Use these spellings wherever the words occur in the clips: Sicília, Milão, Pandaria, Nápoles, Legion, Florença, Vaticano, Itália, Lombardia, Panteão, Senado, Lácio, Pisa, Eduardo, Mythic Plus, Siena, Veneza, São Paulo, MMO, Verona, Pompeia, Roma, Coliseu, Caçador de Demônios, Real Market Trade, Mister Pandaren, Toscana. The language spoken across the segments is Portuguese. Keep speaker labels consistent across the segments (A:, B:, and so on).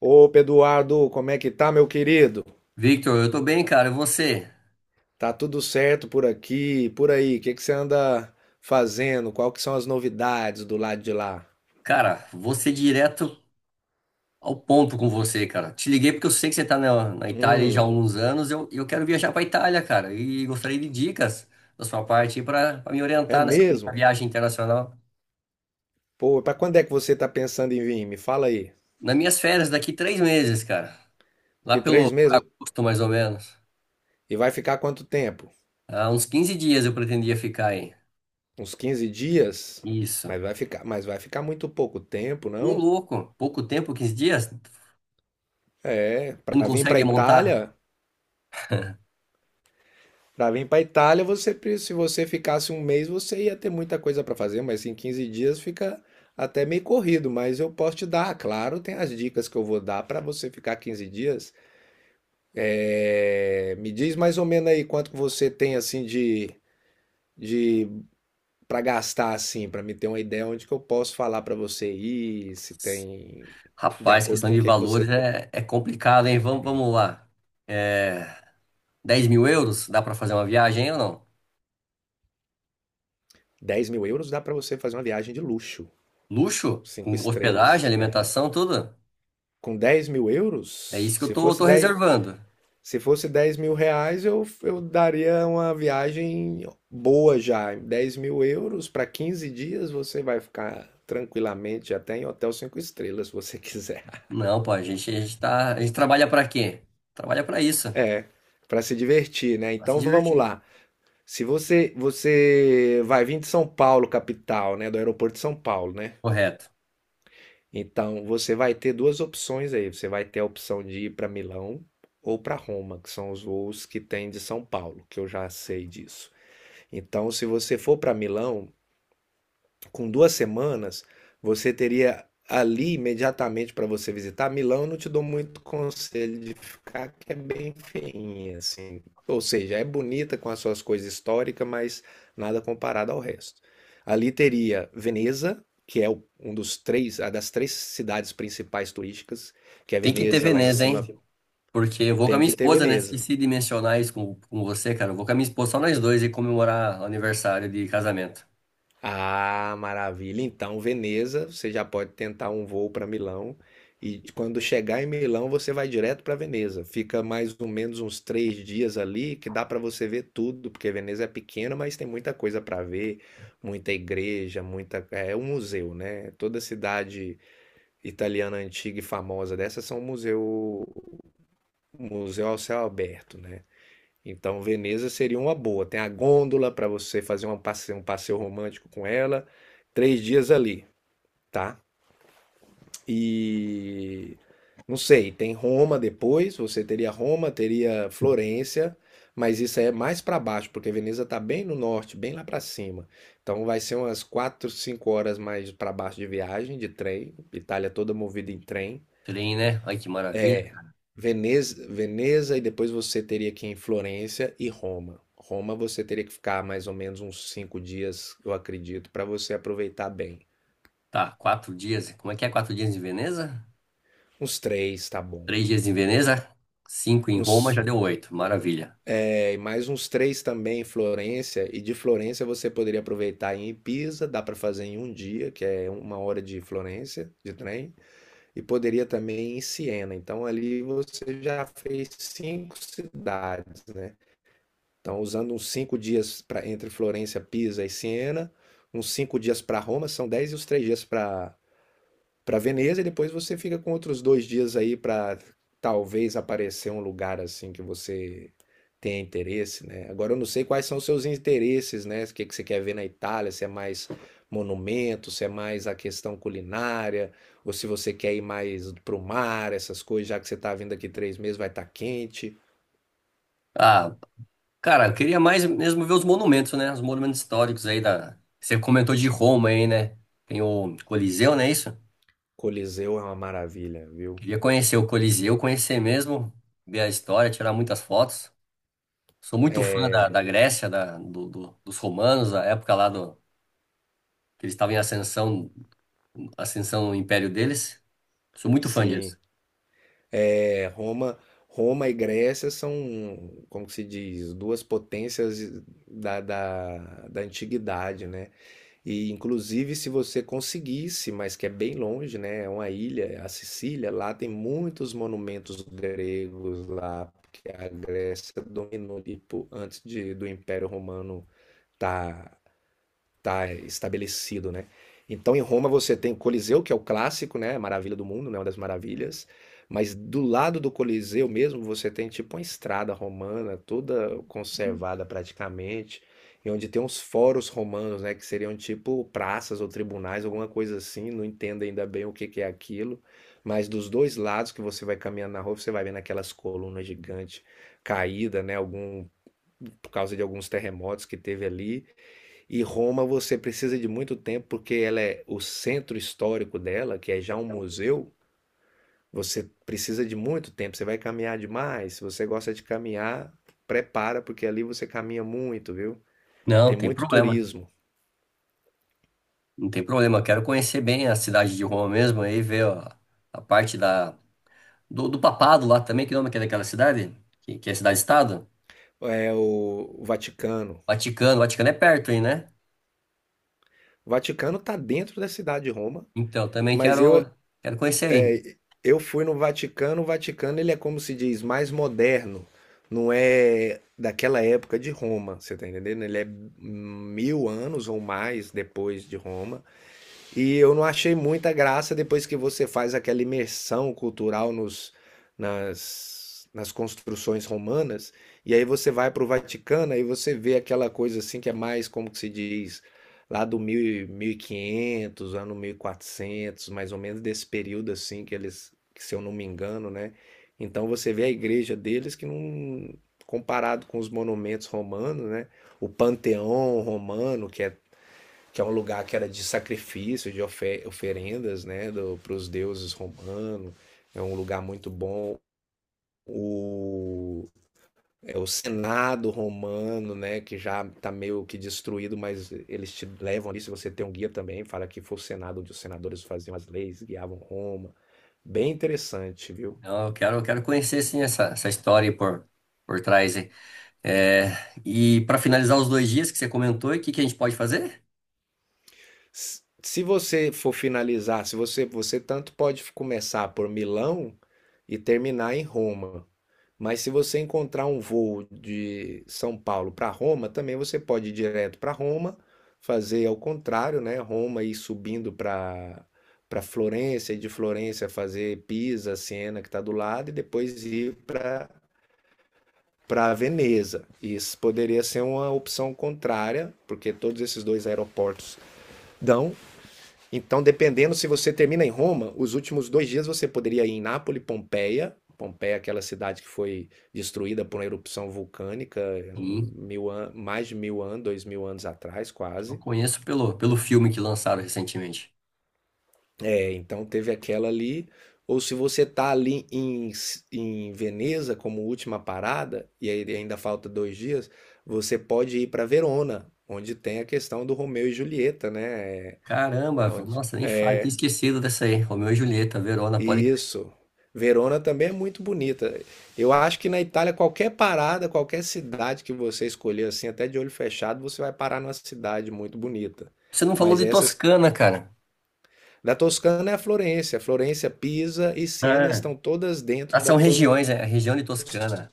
A: Opa, Eduardo, como é que tá, meu querido?
B: Victor, eu tô bem, cara. E você?
A: Tá tudo certo por aqui, por aí? O que que você anda fazendo? Qual que são as novidades do lado de lá?
B: Cara, vou ser direto ao ponto com você, cara. Te liguei porque eu sei que você tá na Itália aí já há
A: Hum,
B: alguns anos. Eu quero viajar pra Itália, cara. E gostaria de dicas da sua parte aí pra me
A: É
B: orientar nessa
A: mesmo?
B: viagem internacional.
A: Pô, pra quando é que você tá pensando em vir? Me fala aí.
B: Nas minhas férias, daqui 3 meses, cara. Lá
A: Que
B: pelo
A: três
B: por
A: meses?
B: agosto, mais ou menos.
A: E vai ficar quanto tempo?
B: Há uns 15 dias eu pretendia ficar aí.
A: Uns 15 dias?
B: Isso.
A: Mas vai ficar muito pouco tempo,
B: Ô,
A: não?
B: louco. Pouco tempo, 15 dias? Você
A: É,
B: não
A: pra vir pra
B: consegue montar?
A: Itália? Para vir para Itália, você, se você ficasse um mês, você ia ter muita coisa para fazer, mas em 15 dias fica até meio corrido. Mas eu posso te dar, claro, tem as dicas que eu vou dar para você ficar 15 dias. É, me diz mais ou menos aí quanto que você tem assim de, de para gastar assim, para me ter uma ideia onde que eu posso falar para você ir, se tem de
B: Rapaz,
A: acordo
B: questão
A: com o
B: de
A: que que
B: valores
A: você...
B: é complicado, hein? Vamos, vamos lá. É, 10 mil euros, dá pra fazer uma viagem hein, ou não?
A: 10.000 euros dá para você fazer uma viagem de luxo,
B: Luxo,
A: cinco
B: com hospedagem,
A: estrelas. É.
B: alimentação, tudo?
A: Com 10.000 euros,
B: É isso que eu
A: se
B: tô,
A: fosse
B: tô
A: 10
B: reservando.
A: se fosse 10.000 reais, eu daria uma viagem boa já. 10.000 euros para 15 dias, você vai ficar tranquilamente até em hotel 5 estrelas, se você quiser.
B: Não, pô, a gente trabalha pra quê? Trabalha pra isso,
A: É, para se divertir, né?
B: pra se
A: Então vamos
B: divertir.
A: lá. Se você, você vai vir de São Paulo, capital, né? Do aeroporto de São Paulo, né?
B: Correto.
A: Então você vai ter duas opções aí. Você vai ter a opção de ir para Milão ou para Roma, que são os voos que tem de São Paulo, que eu já sei disso. Então, se você for para Milão, com 2 semanas, você teria ali imediatamente para você visitar. Milão, eu não te dou muito conselho de ficar, que é bem feinha, assim. Ou seja, é bonita com as suas coisas históricas, mas nada comparado ao resto. Ali teria Veneza, que é um dos três, a das três cidades principais turísticas, que é
B: Tem que ter
A: Veneza, lá em
B: Veneza, hein?
A: cima.
B: Porque eu vou com a
A: Tem
B: minha
A: que ter
B: esposa, né?
A: Veneza.
B: Esqueci de mencionar isso com você, cara. Eu vou com a minha esposa, só nós dois, e comemorar o aniversário de casamento.
A: Ah, maravilha. Então, Veneza, você já pode tentar um voo para Milão. E quando chegar em Milão, você vai direto para Veneza. Fica mais ou menos uns 3 dias ali, que dá para você ver tudo, porque Veneza é pequena, mas tem muita coisa para ver, muita igreja, muita. É um museu, né? Toda cidade italiana antiga e famosa dessa são museu, museu ao céu aberto, né? Então, Veneza seria uma boa. Tem a gôndola para você fazer um passeio romântico com ela. 3 dias ali, tá? E não sei, tem Roma depois. Você teria Roma, teria Florença, mas isso aí é mais para baixo, porque Veneza tá bem no norte, bem lá para cima. Então, vai ser umas 4, 5 horas mais para baixo de viagem de trem. Itália toda movida em trem.
B: Trem, né? Ai, que maravilha.
A: Veneza e depois você teria que ir em Florença e Roma. Roma você teria que ficar mais ou menos uns 5 dias, eu acredito, para você aproveitar bem.
B: Tá, 4 dias. Como é que é 4 dias em Veneza?
A: Uns três, tá bom.
B: 3 dias em Veneza, cinco em Roma, já
A: Uns,
B: deu oito. Maravilha.
A: e mais uns três também em Florença. E de Florença você poderia aproveitar em Pisa, dá para fazer em um dia, que é uma hora de Florença de trem. E poderia também em Siena. Então ali você já fez cinco cidades, né? Então, usando uns 5 dias para entre Florença, Pisa e Siena, uns 5 dias para Roma, são 10, e os 3 dias para Veneza, e depois você fica com outros 2 dias aí para talvez aparecer um lugar assim que você tenha interesse, né? Agora eu não sei quais são os seus interesses, né? O que que você quer ver na Itália, se é mais monumento, se é mais a questão culinária, ou se você quer ir mais pro mar, essas coisas, já que você tá vindo aqui 3 meses, vai estar quente.
B: Ah, cara, eu queria mais mesmo ver os monumentos, né? Os monumentos históricos aí da. Você comentou de Roma aí, né? Tem o Coliseu, não é isso?
A: Coliseu é uma maravilha, viu?
B: Queria conhecer o Coliseu, conhecer mesmo, ver a história, tirar muitas fotos. Sou muito fã da Grécia, dos romanos, da época lá que eles estavam em ascensão no império deles. Sou muito fã
A: Sim.
B: disso.
A: É, Roma, e Grécia são, como que se diz, duas potências da, da antiguidade, né? E inclusive se você conseguisse, mas que é bem longe, né? É uma ilha, é a Sicília, lá tem muitos monumentos gregos lá, porque a Grécia dominou, tipo, antes do Império Romano tá tá estabelecido, né? Então, em Roma, você tem o Coliseu, que é o clássico, né? A maravilha do mundo, né? Uma das maravilhas. Mas do lado do Coliseu mesmo, você tem tipo uma estrada romana, toda conservada praticamente, e onde tem uns foros romanos, né? Que seriam tipo praças ou tribunais, alguma coisa assim. Não entendo ainda bem o que que é aquilo. Mas dos dois lados que você vai caminhando na rua, você vai vendo aquelas colunas gigantes caídas, né? Algum, por causa de alguns terremotos que teve ali. E Roma você precisa de muito tempo porque ela é o centro histórico dela, que é já um museu. Você precisa de muito tempo. Você vai caminhar demais. Se você gosta de caminhar, prepara porque ali você caminha muito, viu? E
B: Não,
A: tem
B: tem
A: muito
B: problema.
A: turismo.
B: Não tem problema, eu quero conhecer bem a cidade de Roma mesmo, aí ver ó, a parte do papado lá também, que nome que é daquela cidade? Que é cidade-estado?
A: É o Vaticano.
B: Vaticano, Vaticano é perto aí, né?
A: O Vaticano está dentro da cidade de Roma,
B: Então, eu também
A: mas eu
B: quero conhecer aí.
A: É, eu fui no Vaticano. O Vaticano ele é, como se diz, mais moderno, não é daquela época de Roma, você tá entendendo? Ele é mil anos ou mais depois de Roma, e eu não achei muita graça depois que você faz aquela imersão cultural nas construções romanas, e aí você vai para o Vaticano, aí você vê aquela coisa assim que é mais, como que se diz, lá do 1500, ano 1400 mais ou menos, desse período assim que eles, se eu não me engano, né? Então você vê a igreja deles que não, comparado com os monumentos romanos, né? O Panteão romano, que é um lugar que era de sacrifício, oferendas, né, para os deuses romanos. É um lugar muito bom. O, é o Senado romano, né, que já está meio que destruído, mas eles te levam ali. Se você tem um guia também, fala que foi o Senado onde os senadores faziam as leis, guiavam Roma. Bem interessante, viu?
B: Então, eu quero conhecer sim essa história aí por trás aí. É, e para finalizar os 2 dias que você comentou, o que, que a gente pode fazer?
A: Se você for finalizar, se você, você tanto pode começar por Milão e terminar em Roma. Mas se você encontrar um voo de São Paulo para Roma, também você pode ir direto para Roma, fazer ao contrário, né? Roma e subindo para Florença e de Florença fazer Pisa, Siena, que está do lado, e depois ir para Veneza. Isso poderia ser uma opção contrária, porque todos esses dois aeroportos dão. Então, dependendo, se você termina em Roma, os últimos 2 dias você poderia ir em Nápoles, Pompeia. Pompeia é aquela cidade que foi destruída por uma erupção vulcânica
B: Sim,
A: mais de mil anos, 2.000 anos atrás,
B: eu
A: quase.
B: conheço pelo filme que lançaram recentemente.
A: É, então teve aquela ali. Ou se você tá ali em Veneza como última parada, e aí ainda falta 2 dias, você pode ir para Verona, onde tem a questão do Romeu e Julieta, né? É.
B: Caramba,
A: Aonde-
B: nossa, nem falo, tinha esquecido dessa aí. Romeu e Julieta, Verona, pode.
A: Isso. Verona também é muito bonita. Eu acho que na Itália, qualquer parada, qualquer cidade que você escolher, assim, até de olho fechado, você vai parar numa cidade muito bonita.
B: Você não falou
A: Mas
B: de
A: essas.
B: Toscana, cara.
A: Da Toscana é a Florença. Florença, Pisa e Siena
B: Ah,
A: estão todas
B: Ah,
A: dentro da
B: são
A: Toscana.
B: regiões, é a região de Toscana.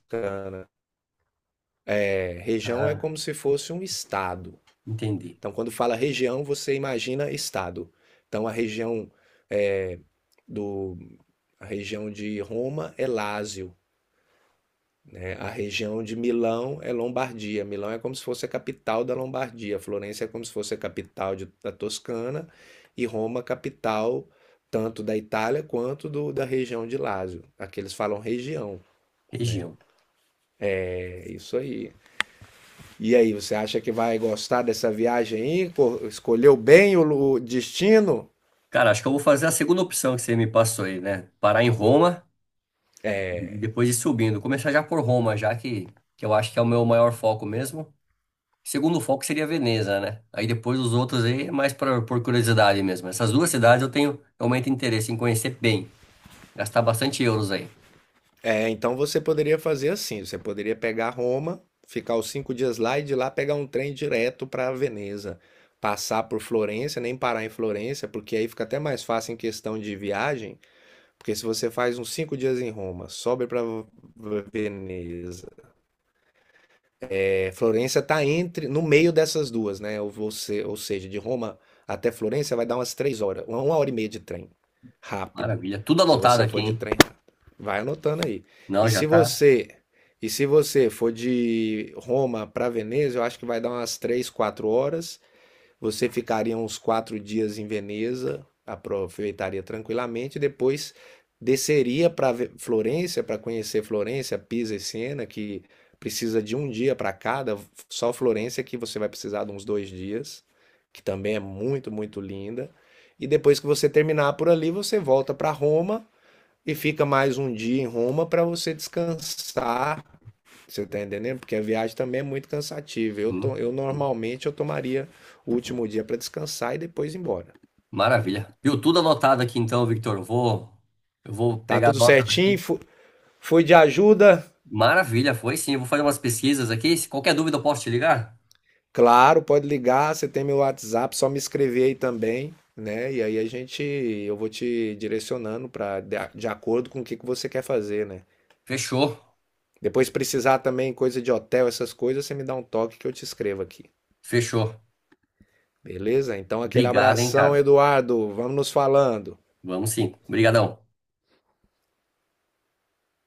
A: É, região é
B: Ah,
A: como se fosse um estado.
B: entendi.
A: Então, quando fala região, você imagina estado. Então, a região é, do. A região de Roma é Lácio, né? A região de Milão é Lombardia. Milão é como se fosse a capital da Lombardia. Florença é como se fosse a capital da Toscana, e Roma, capital tanto da Itália quanto da região de Lácio. Aqui eles falam região.
B: Região.
A: É isso aí. E aí, você acha que vai gostar dessa viagem aí? Escolheu bem o o destino?
B: Cara, acho que eu vou fazer a segunda opção que você me passou aí, né? Parar em Roma e depois ir subindo. Começar já por Roma, já que eu acho que é o meu maior foco mesmo. Segundo foco seria Veneza, né? Aí depois os outros aí é mais por curiosidade mesmo. Essas duas cidades eu tenho realmente interesse em conhecer bem. Gastar bastante euros aí.
A: É, então você poderia fazer assim, você poderia pegar Roma, ficar os 5 dias lá e de lá pegar um trem direto para Veneza, passar por Florença, nem parar em Florença, porque aí fica até mais fácil em questão de viagem, porque se você faz uns 5 dias em Roma, sobe para Veneza, Florença está entre no meio dessas duas, né? Ou, você, ou seja, de Roma até Florença vai dar umas 3 horas, uma hora e meia de trem, rápido.
B: Maravilha. Tudo
A: Se
B: anotado
A: você
B: aqui,
A: for de
B: hein?
A: trem, vai anotando aí.
B: Não,
A: E
B: já
A: se
B: tá.
A: você e se você for de Roma para Veneza, eu acho que vai dar umas 3, 4 horas. Você ficaria uns 4 dias em Veneza, aproveitaria tranquilamente, depois desceria para Florença, para conhecer Florença, Pisa e Siena, que precisa de um dia para cada. Só Florença que você vai precisar de uns 2 dias, que também é muito, muito linda. E depois que você terminar por ali, você volta para Roma e fica mais um dia em Roma para você descansar, você tá entendendo? Porque a viagem também é muito cansativa.
B: Hum.
A: Eu normalmente eu tomaria o último dia para descansar e depois ir embora.
B: Maravilha. Viu tudo anotado aqui então, Victor. Eu vou
A: Tá
B: pegar a
A: tudo
B: nota.
A: certinho? Fui de ajuda?
B: Maravilha, foi sim. Eu vou fazer umas pesquisas aqui. Se qualquer dúvida, eu posso te ligar?
A: Claro, pode ligar, você tem meu WhatsApp, só me escrever aí também, né? E aí a gente, eu vou te direcionando para de acordo com o que que você quer fazer, né?
B: Fechou,
A: Depois se precisar também coisa de hotel, essas coisas, você me dá um toque que eu te escrevo aqui.
B: fechou.
A: Beleza? Então aquele
B: Obrigado, hein,
A: abração,
B: cara.
A: Eduardo. Vamos nos falando.
B: Vamos sim. Obrigadão.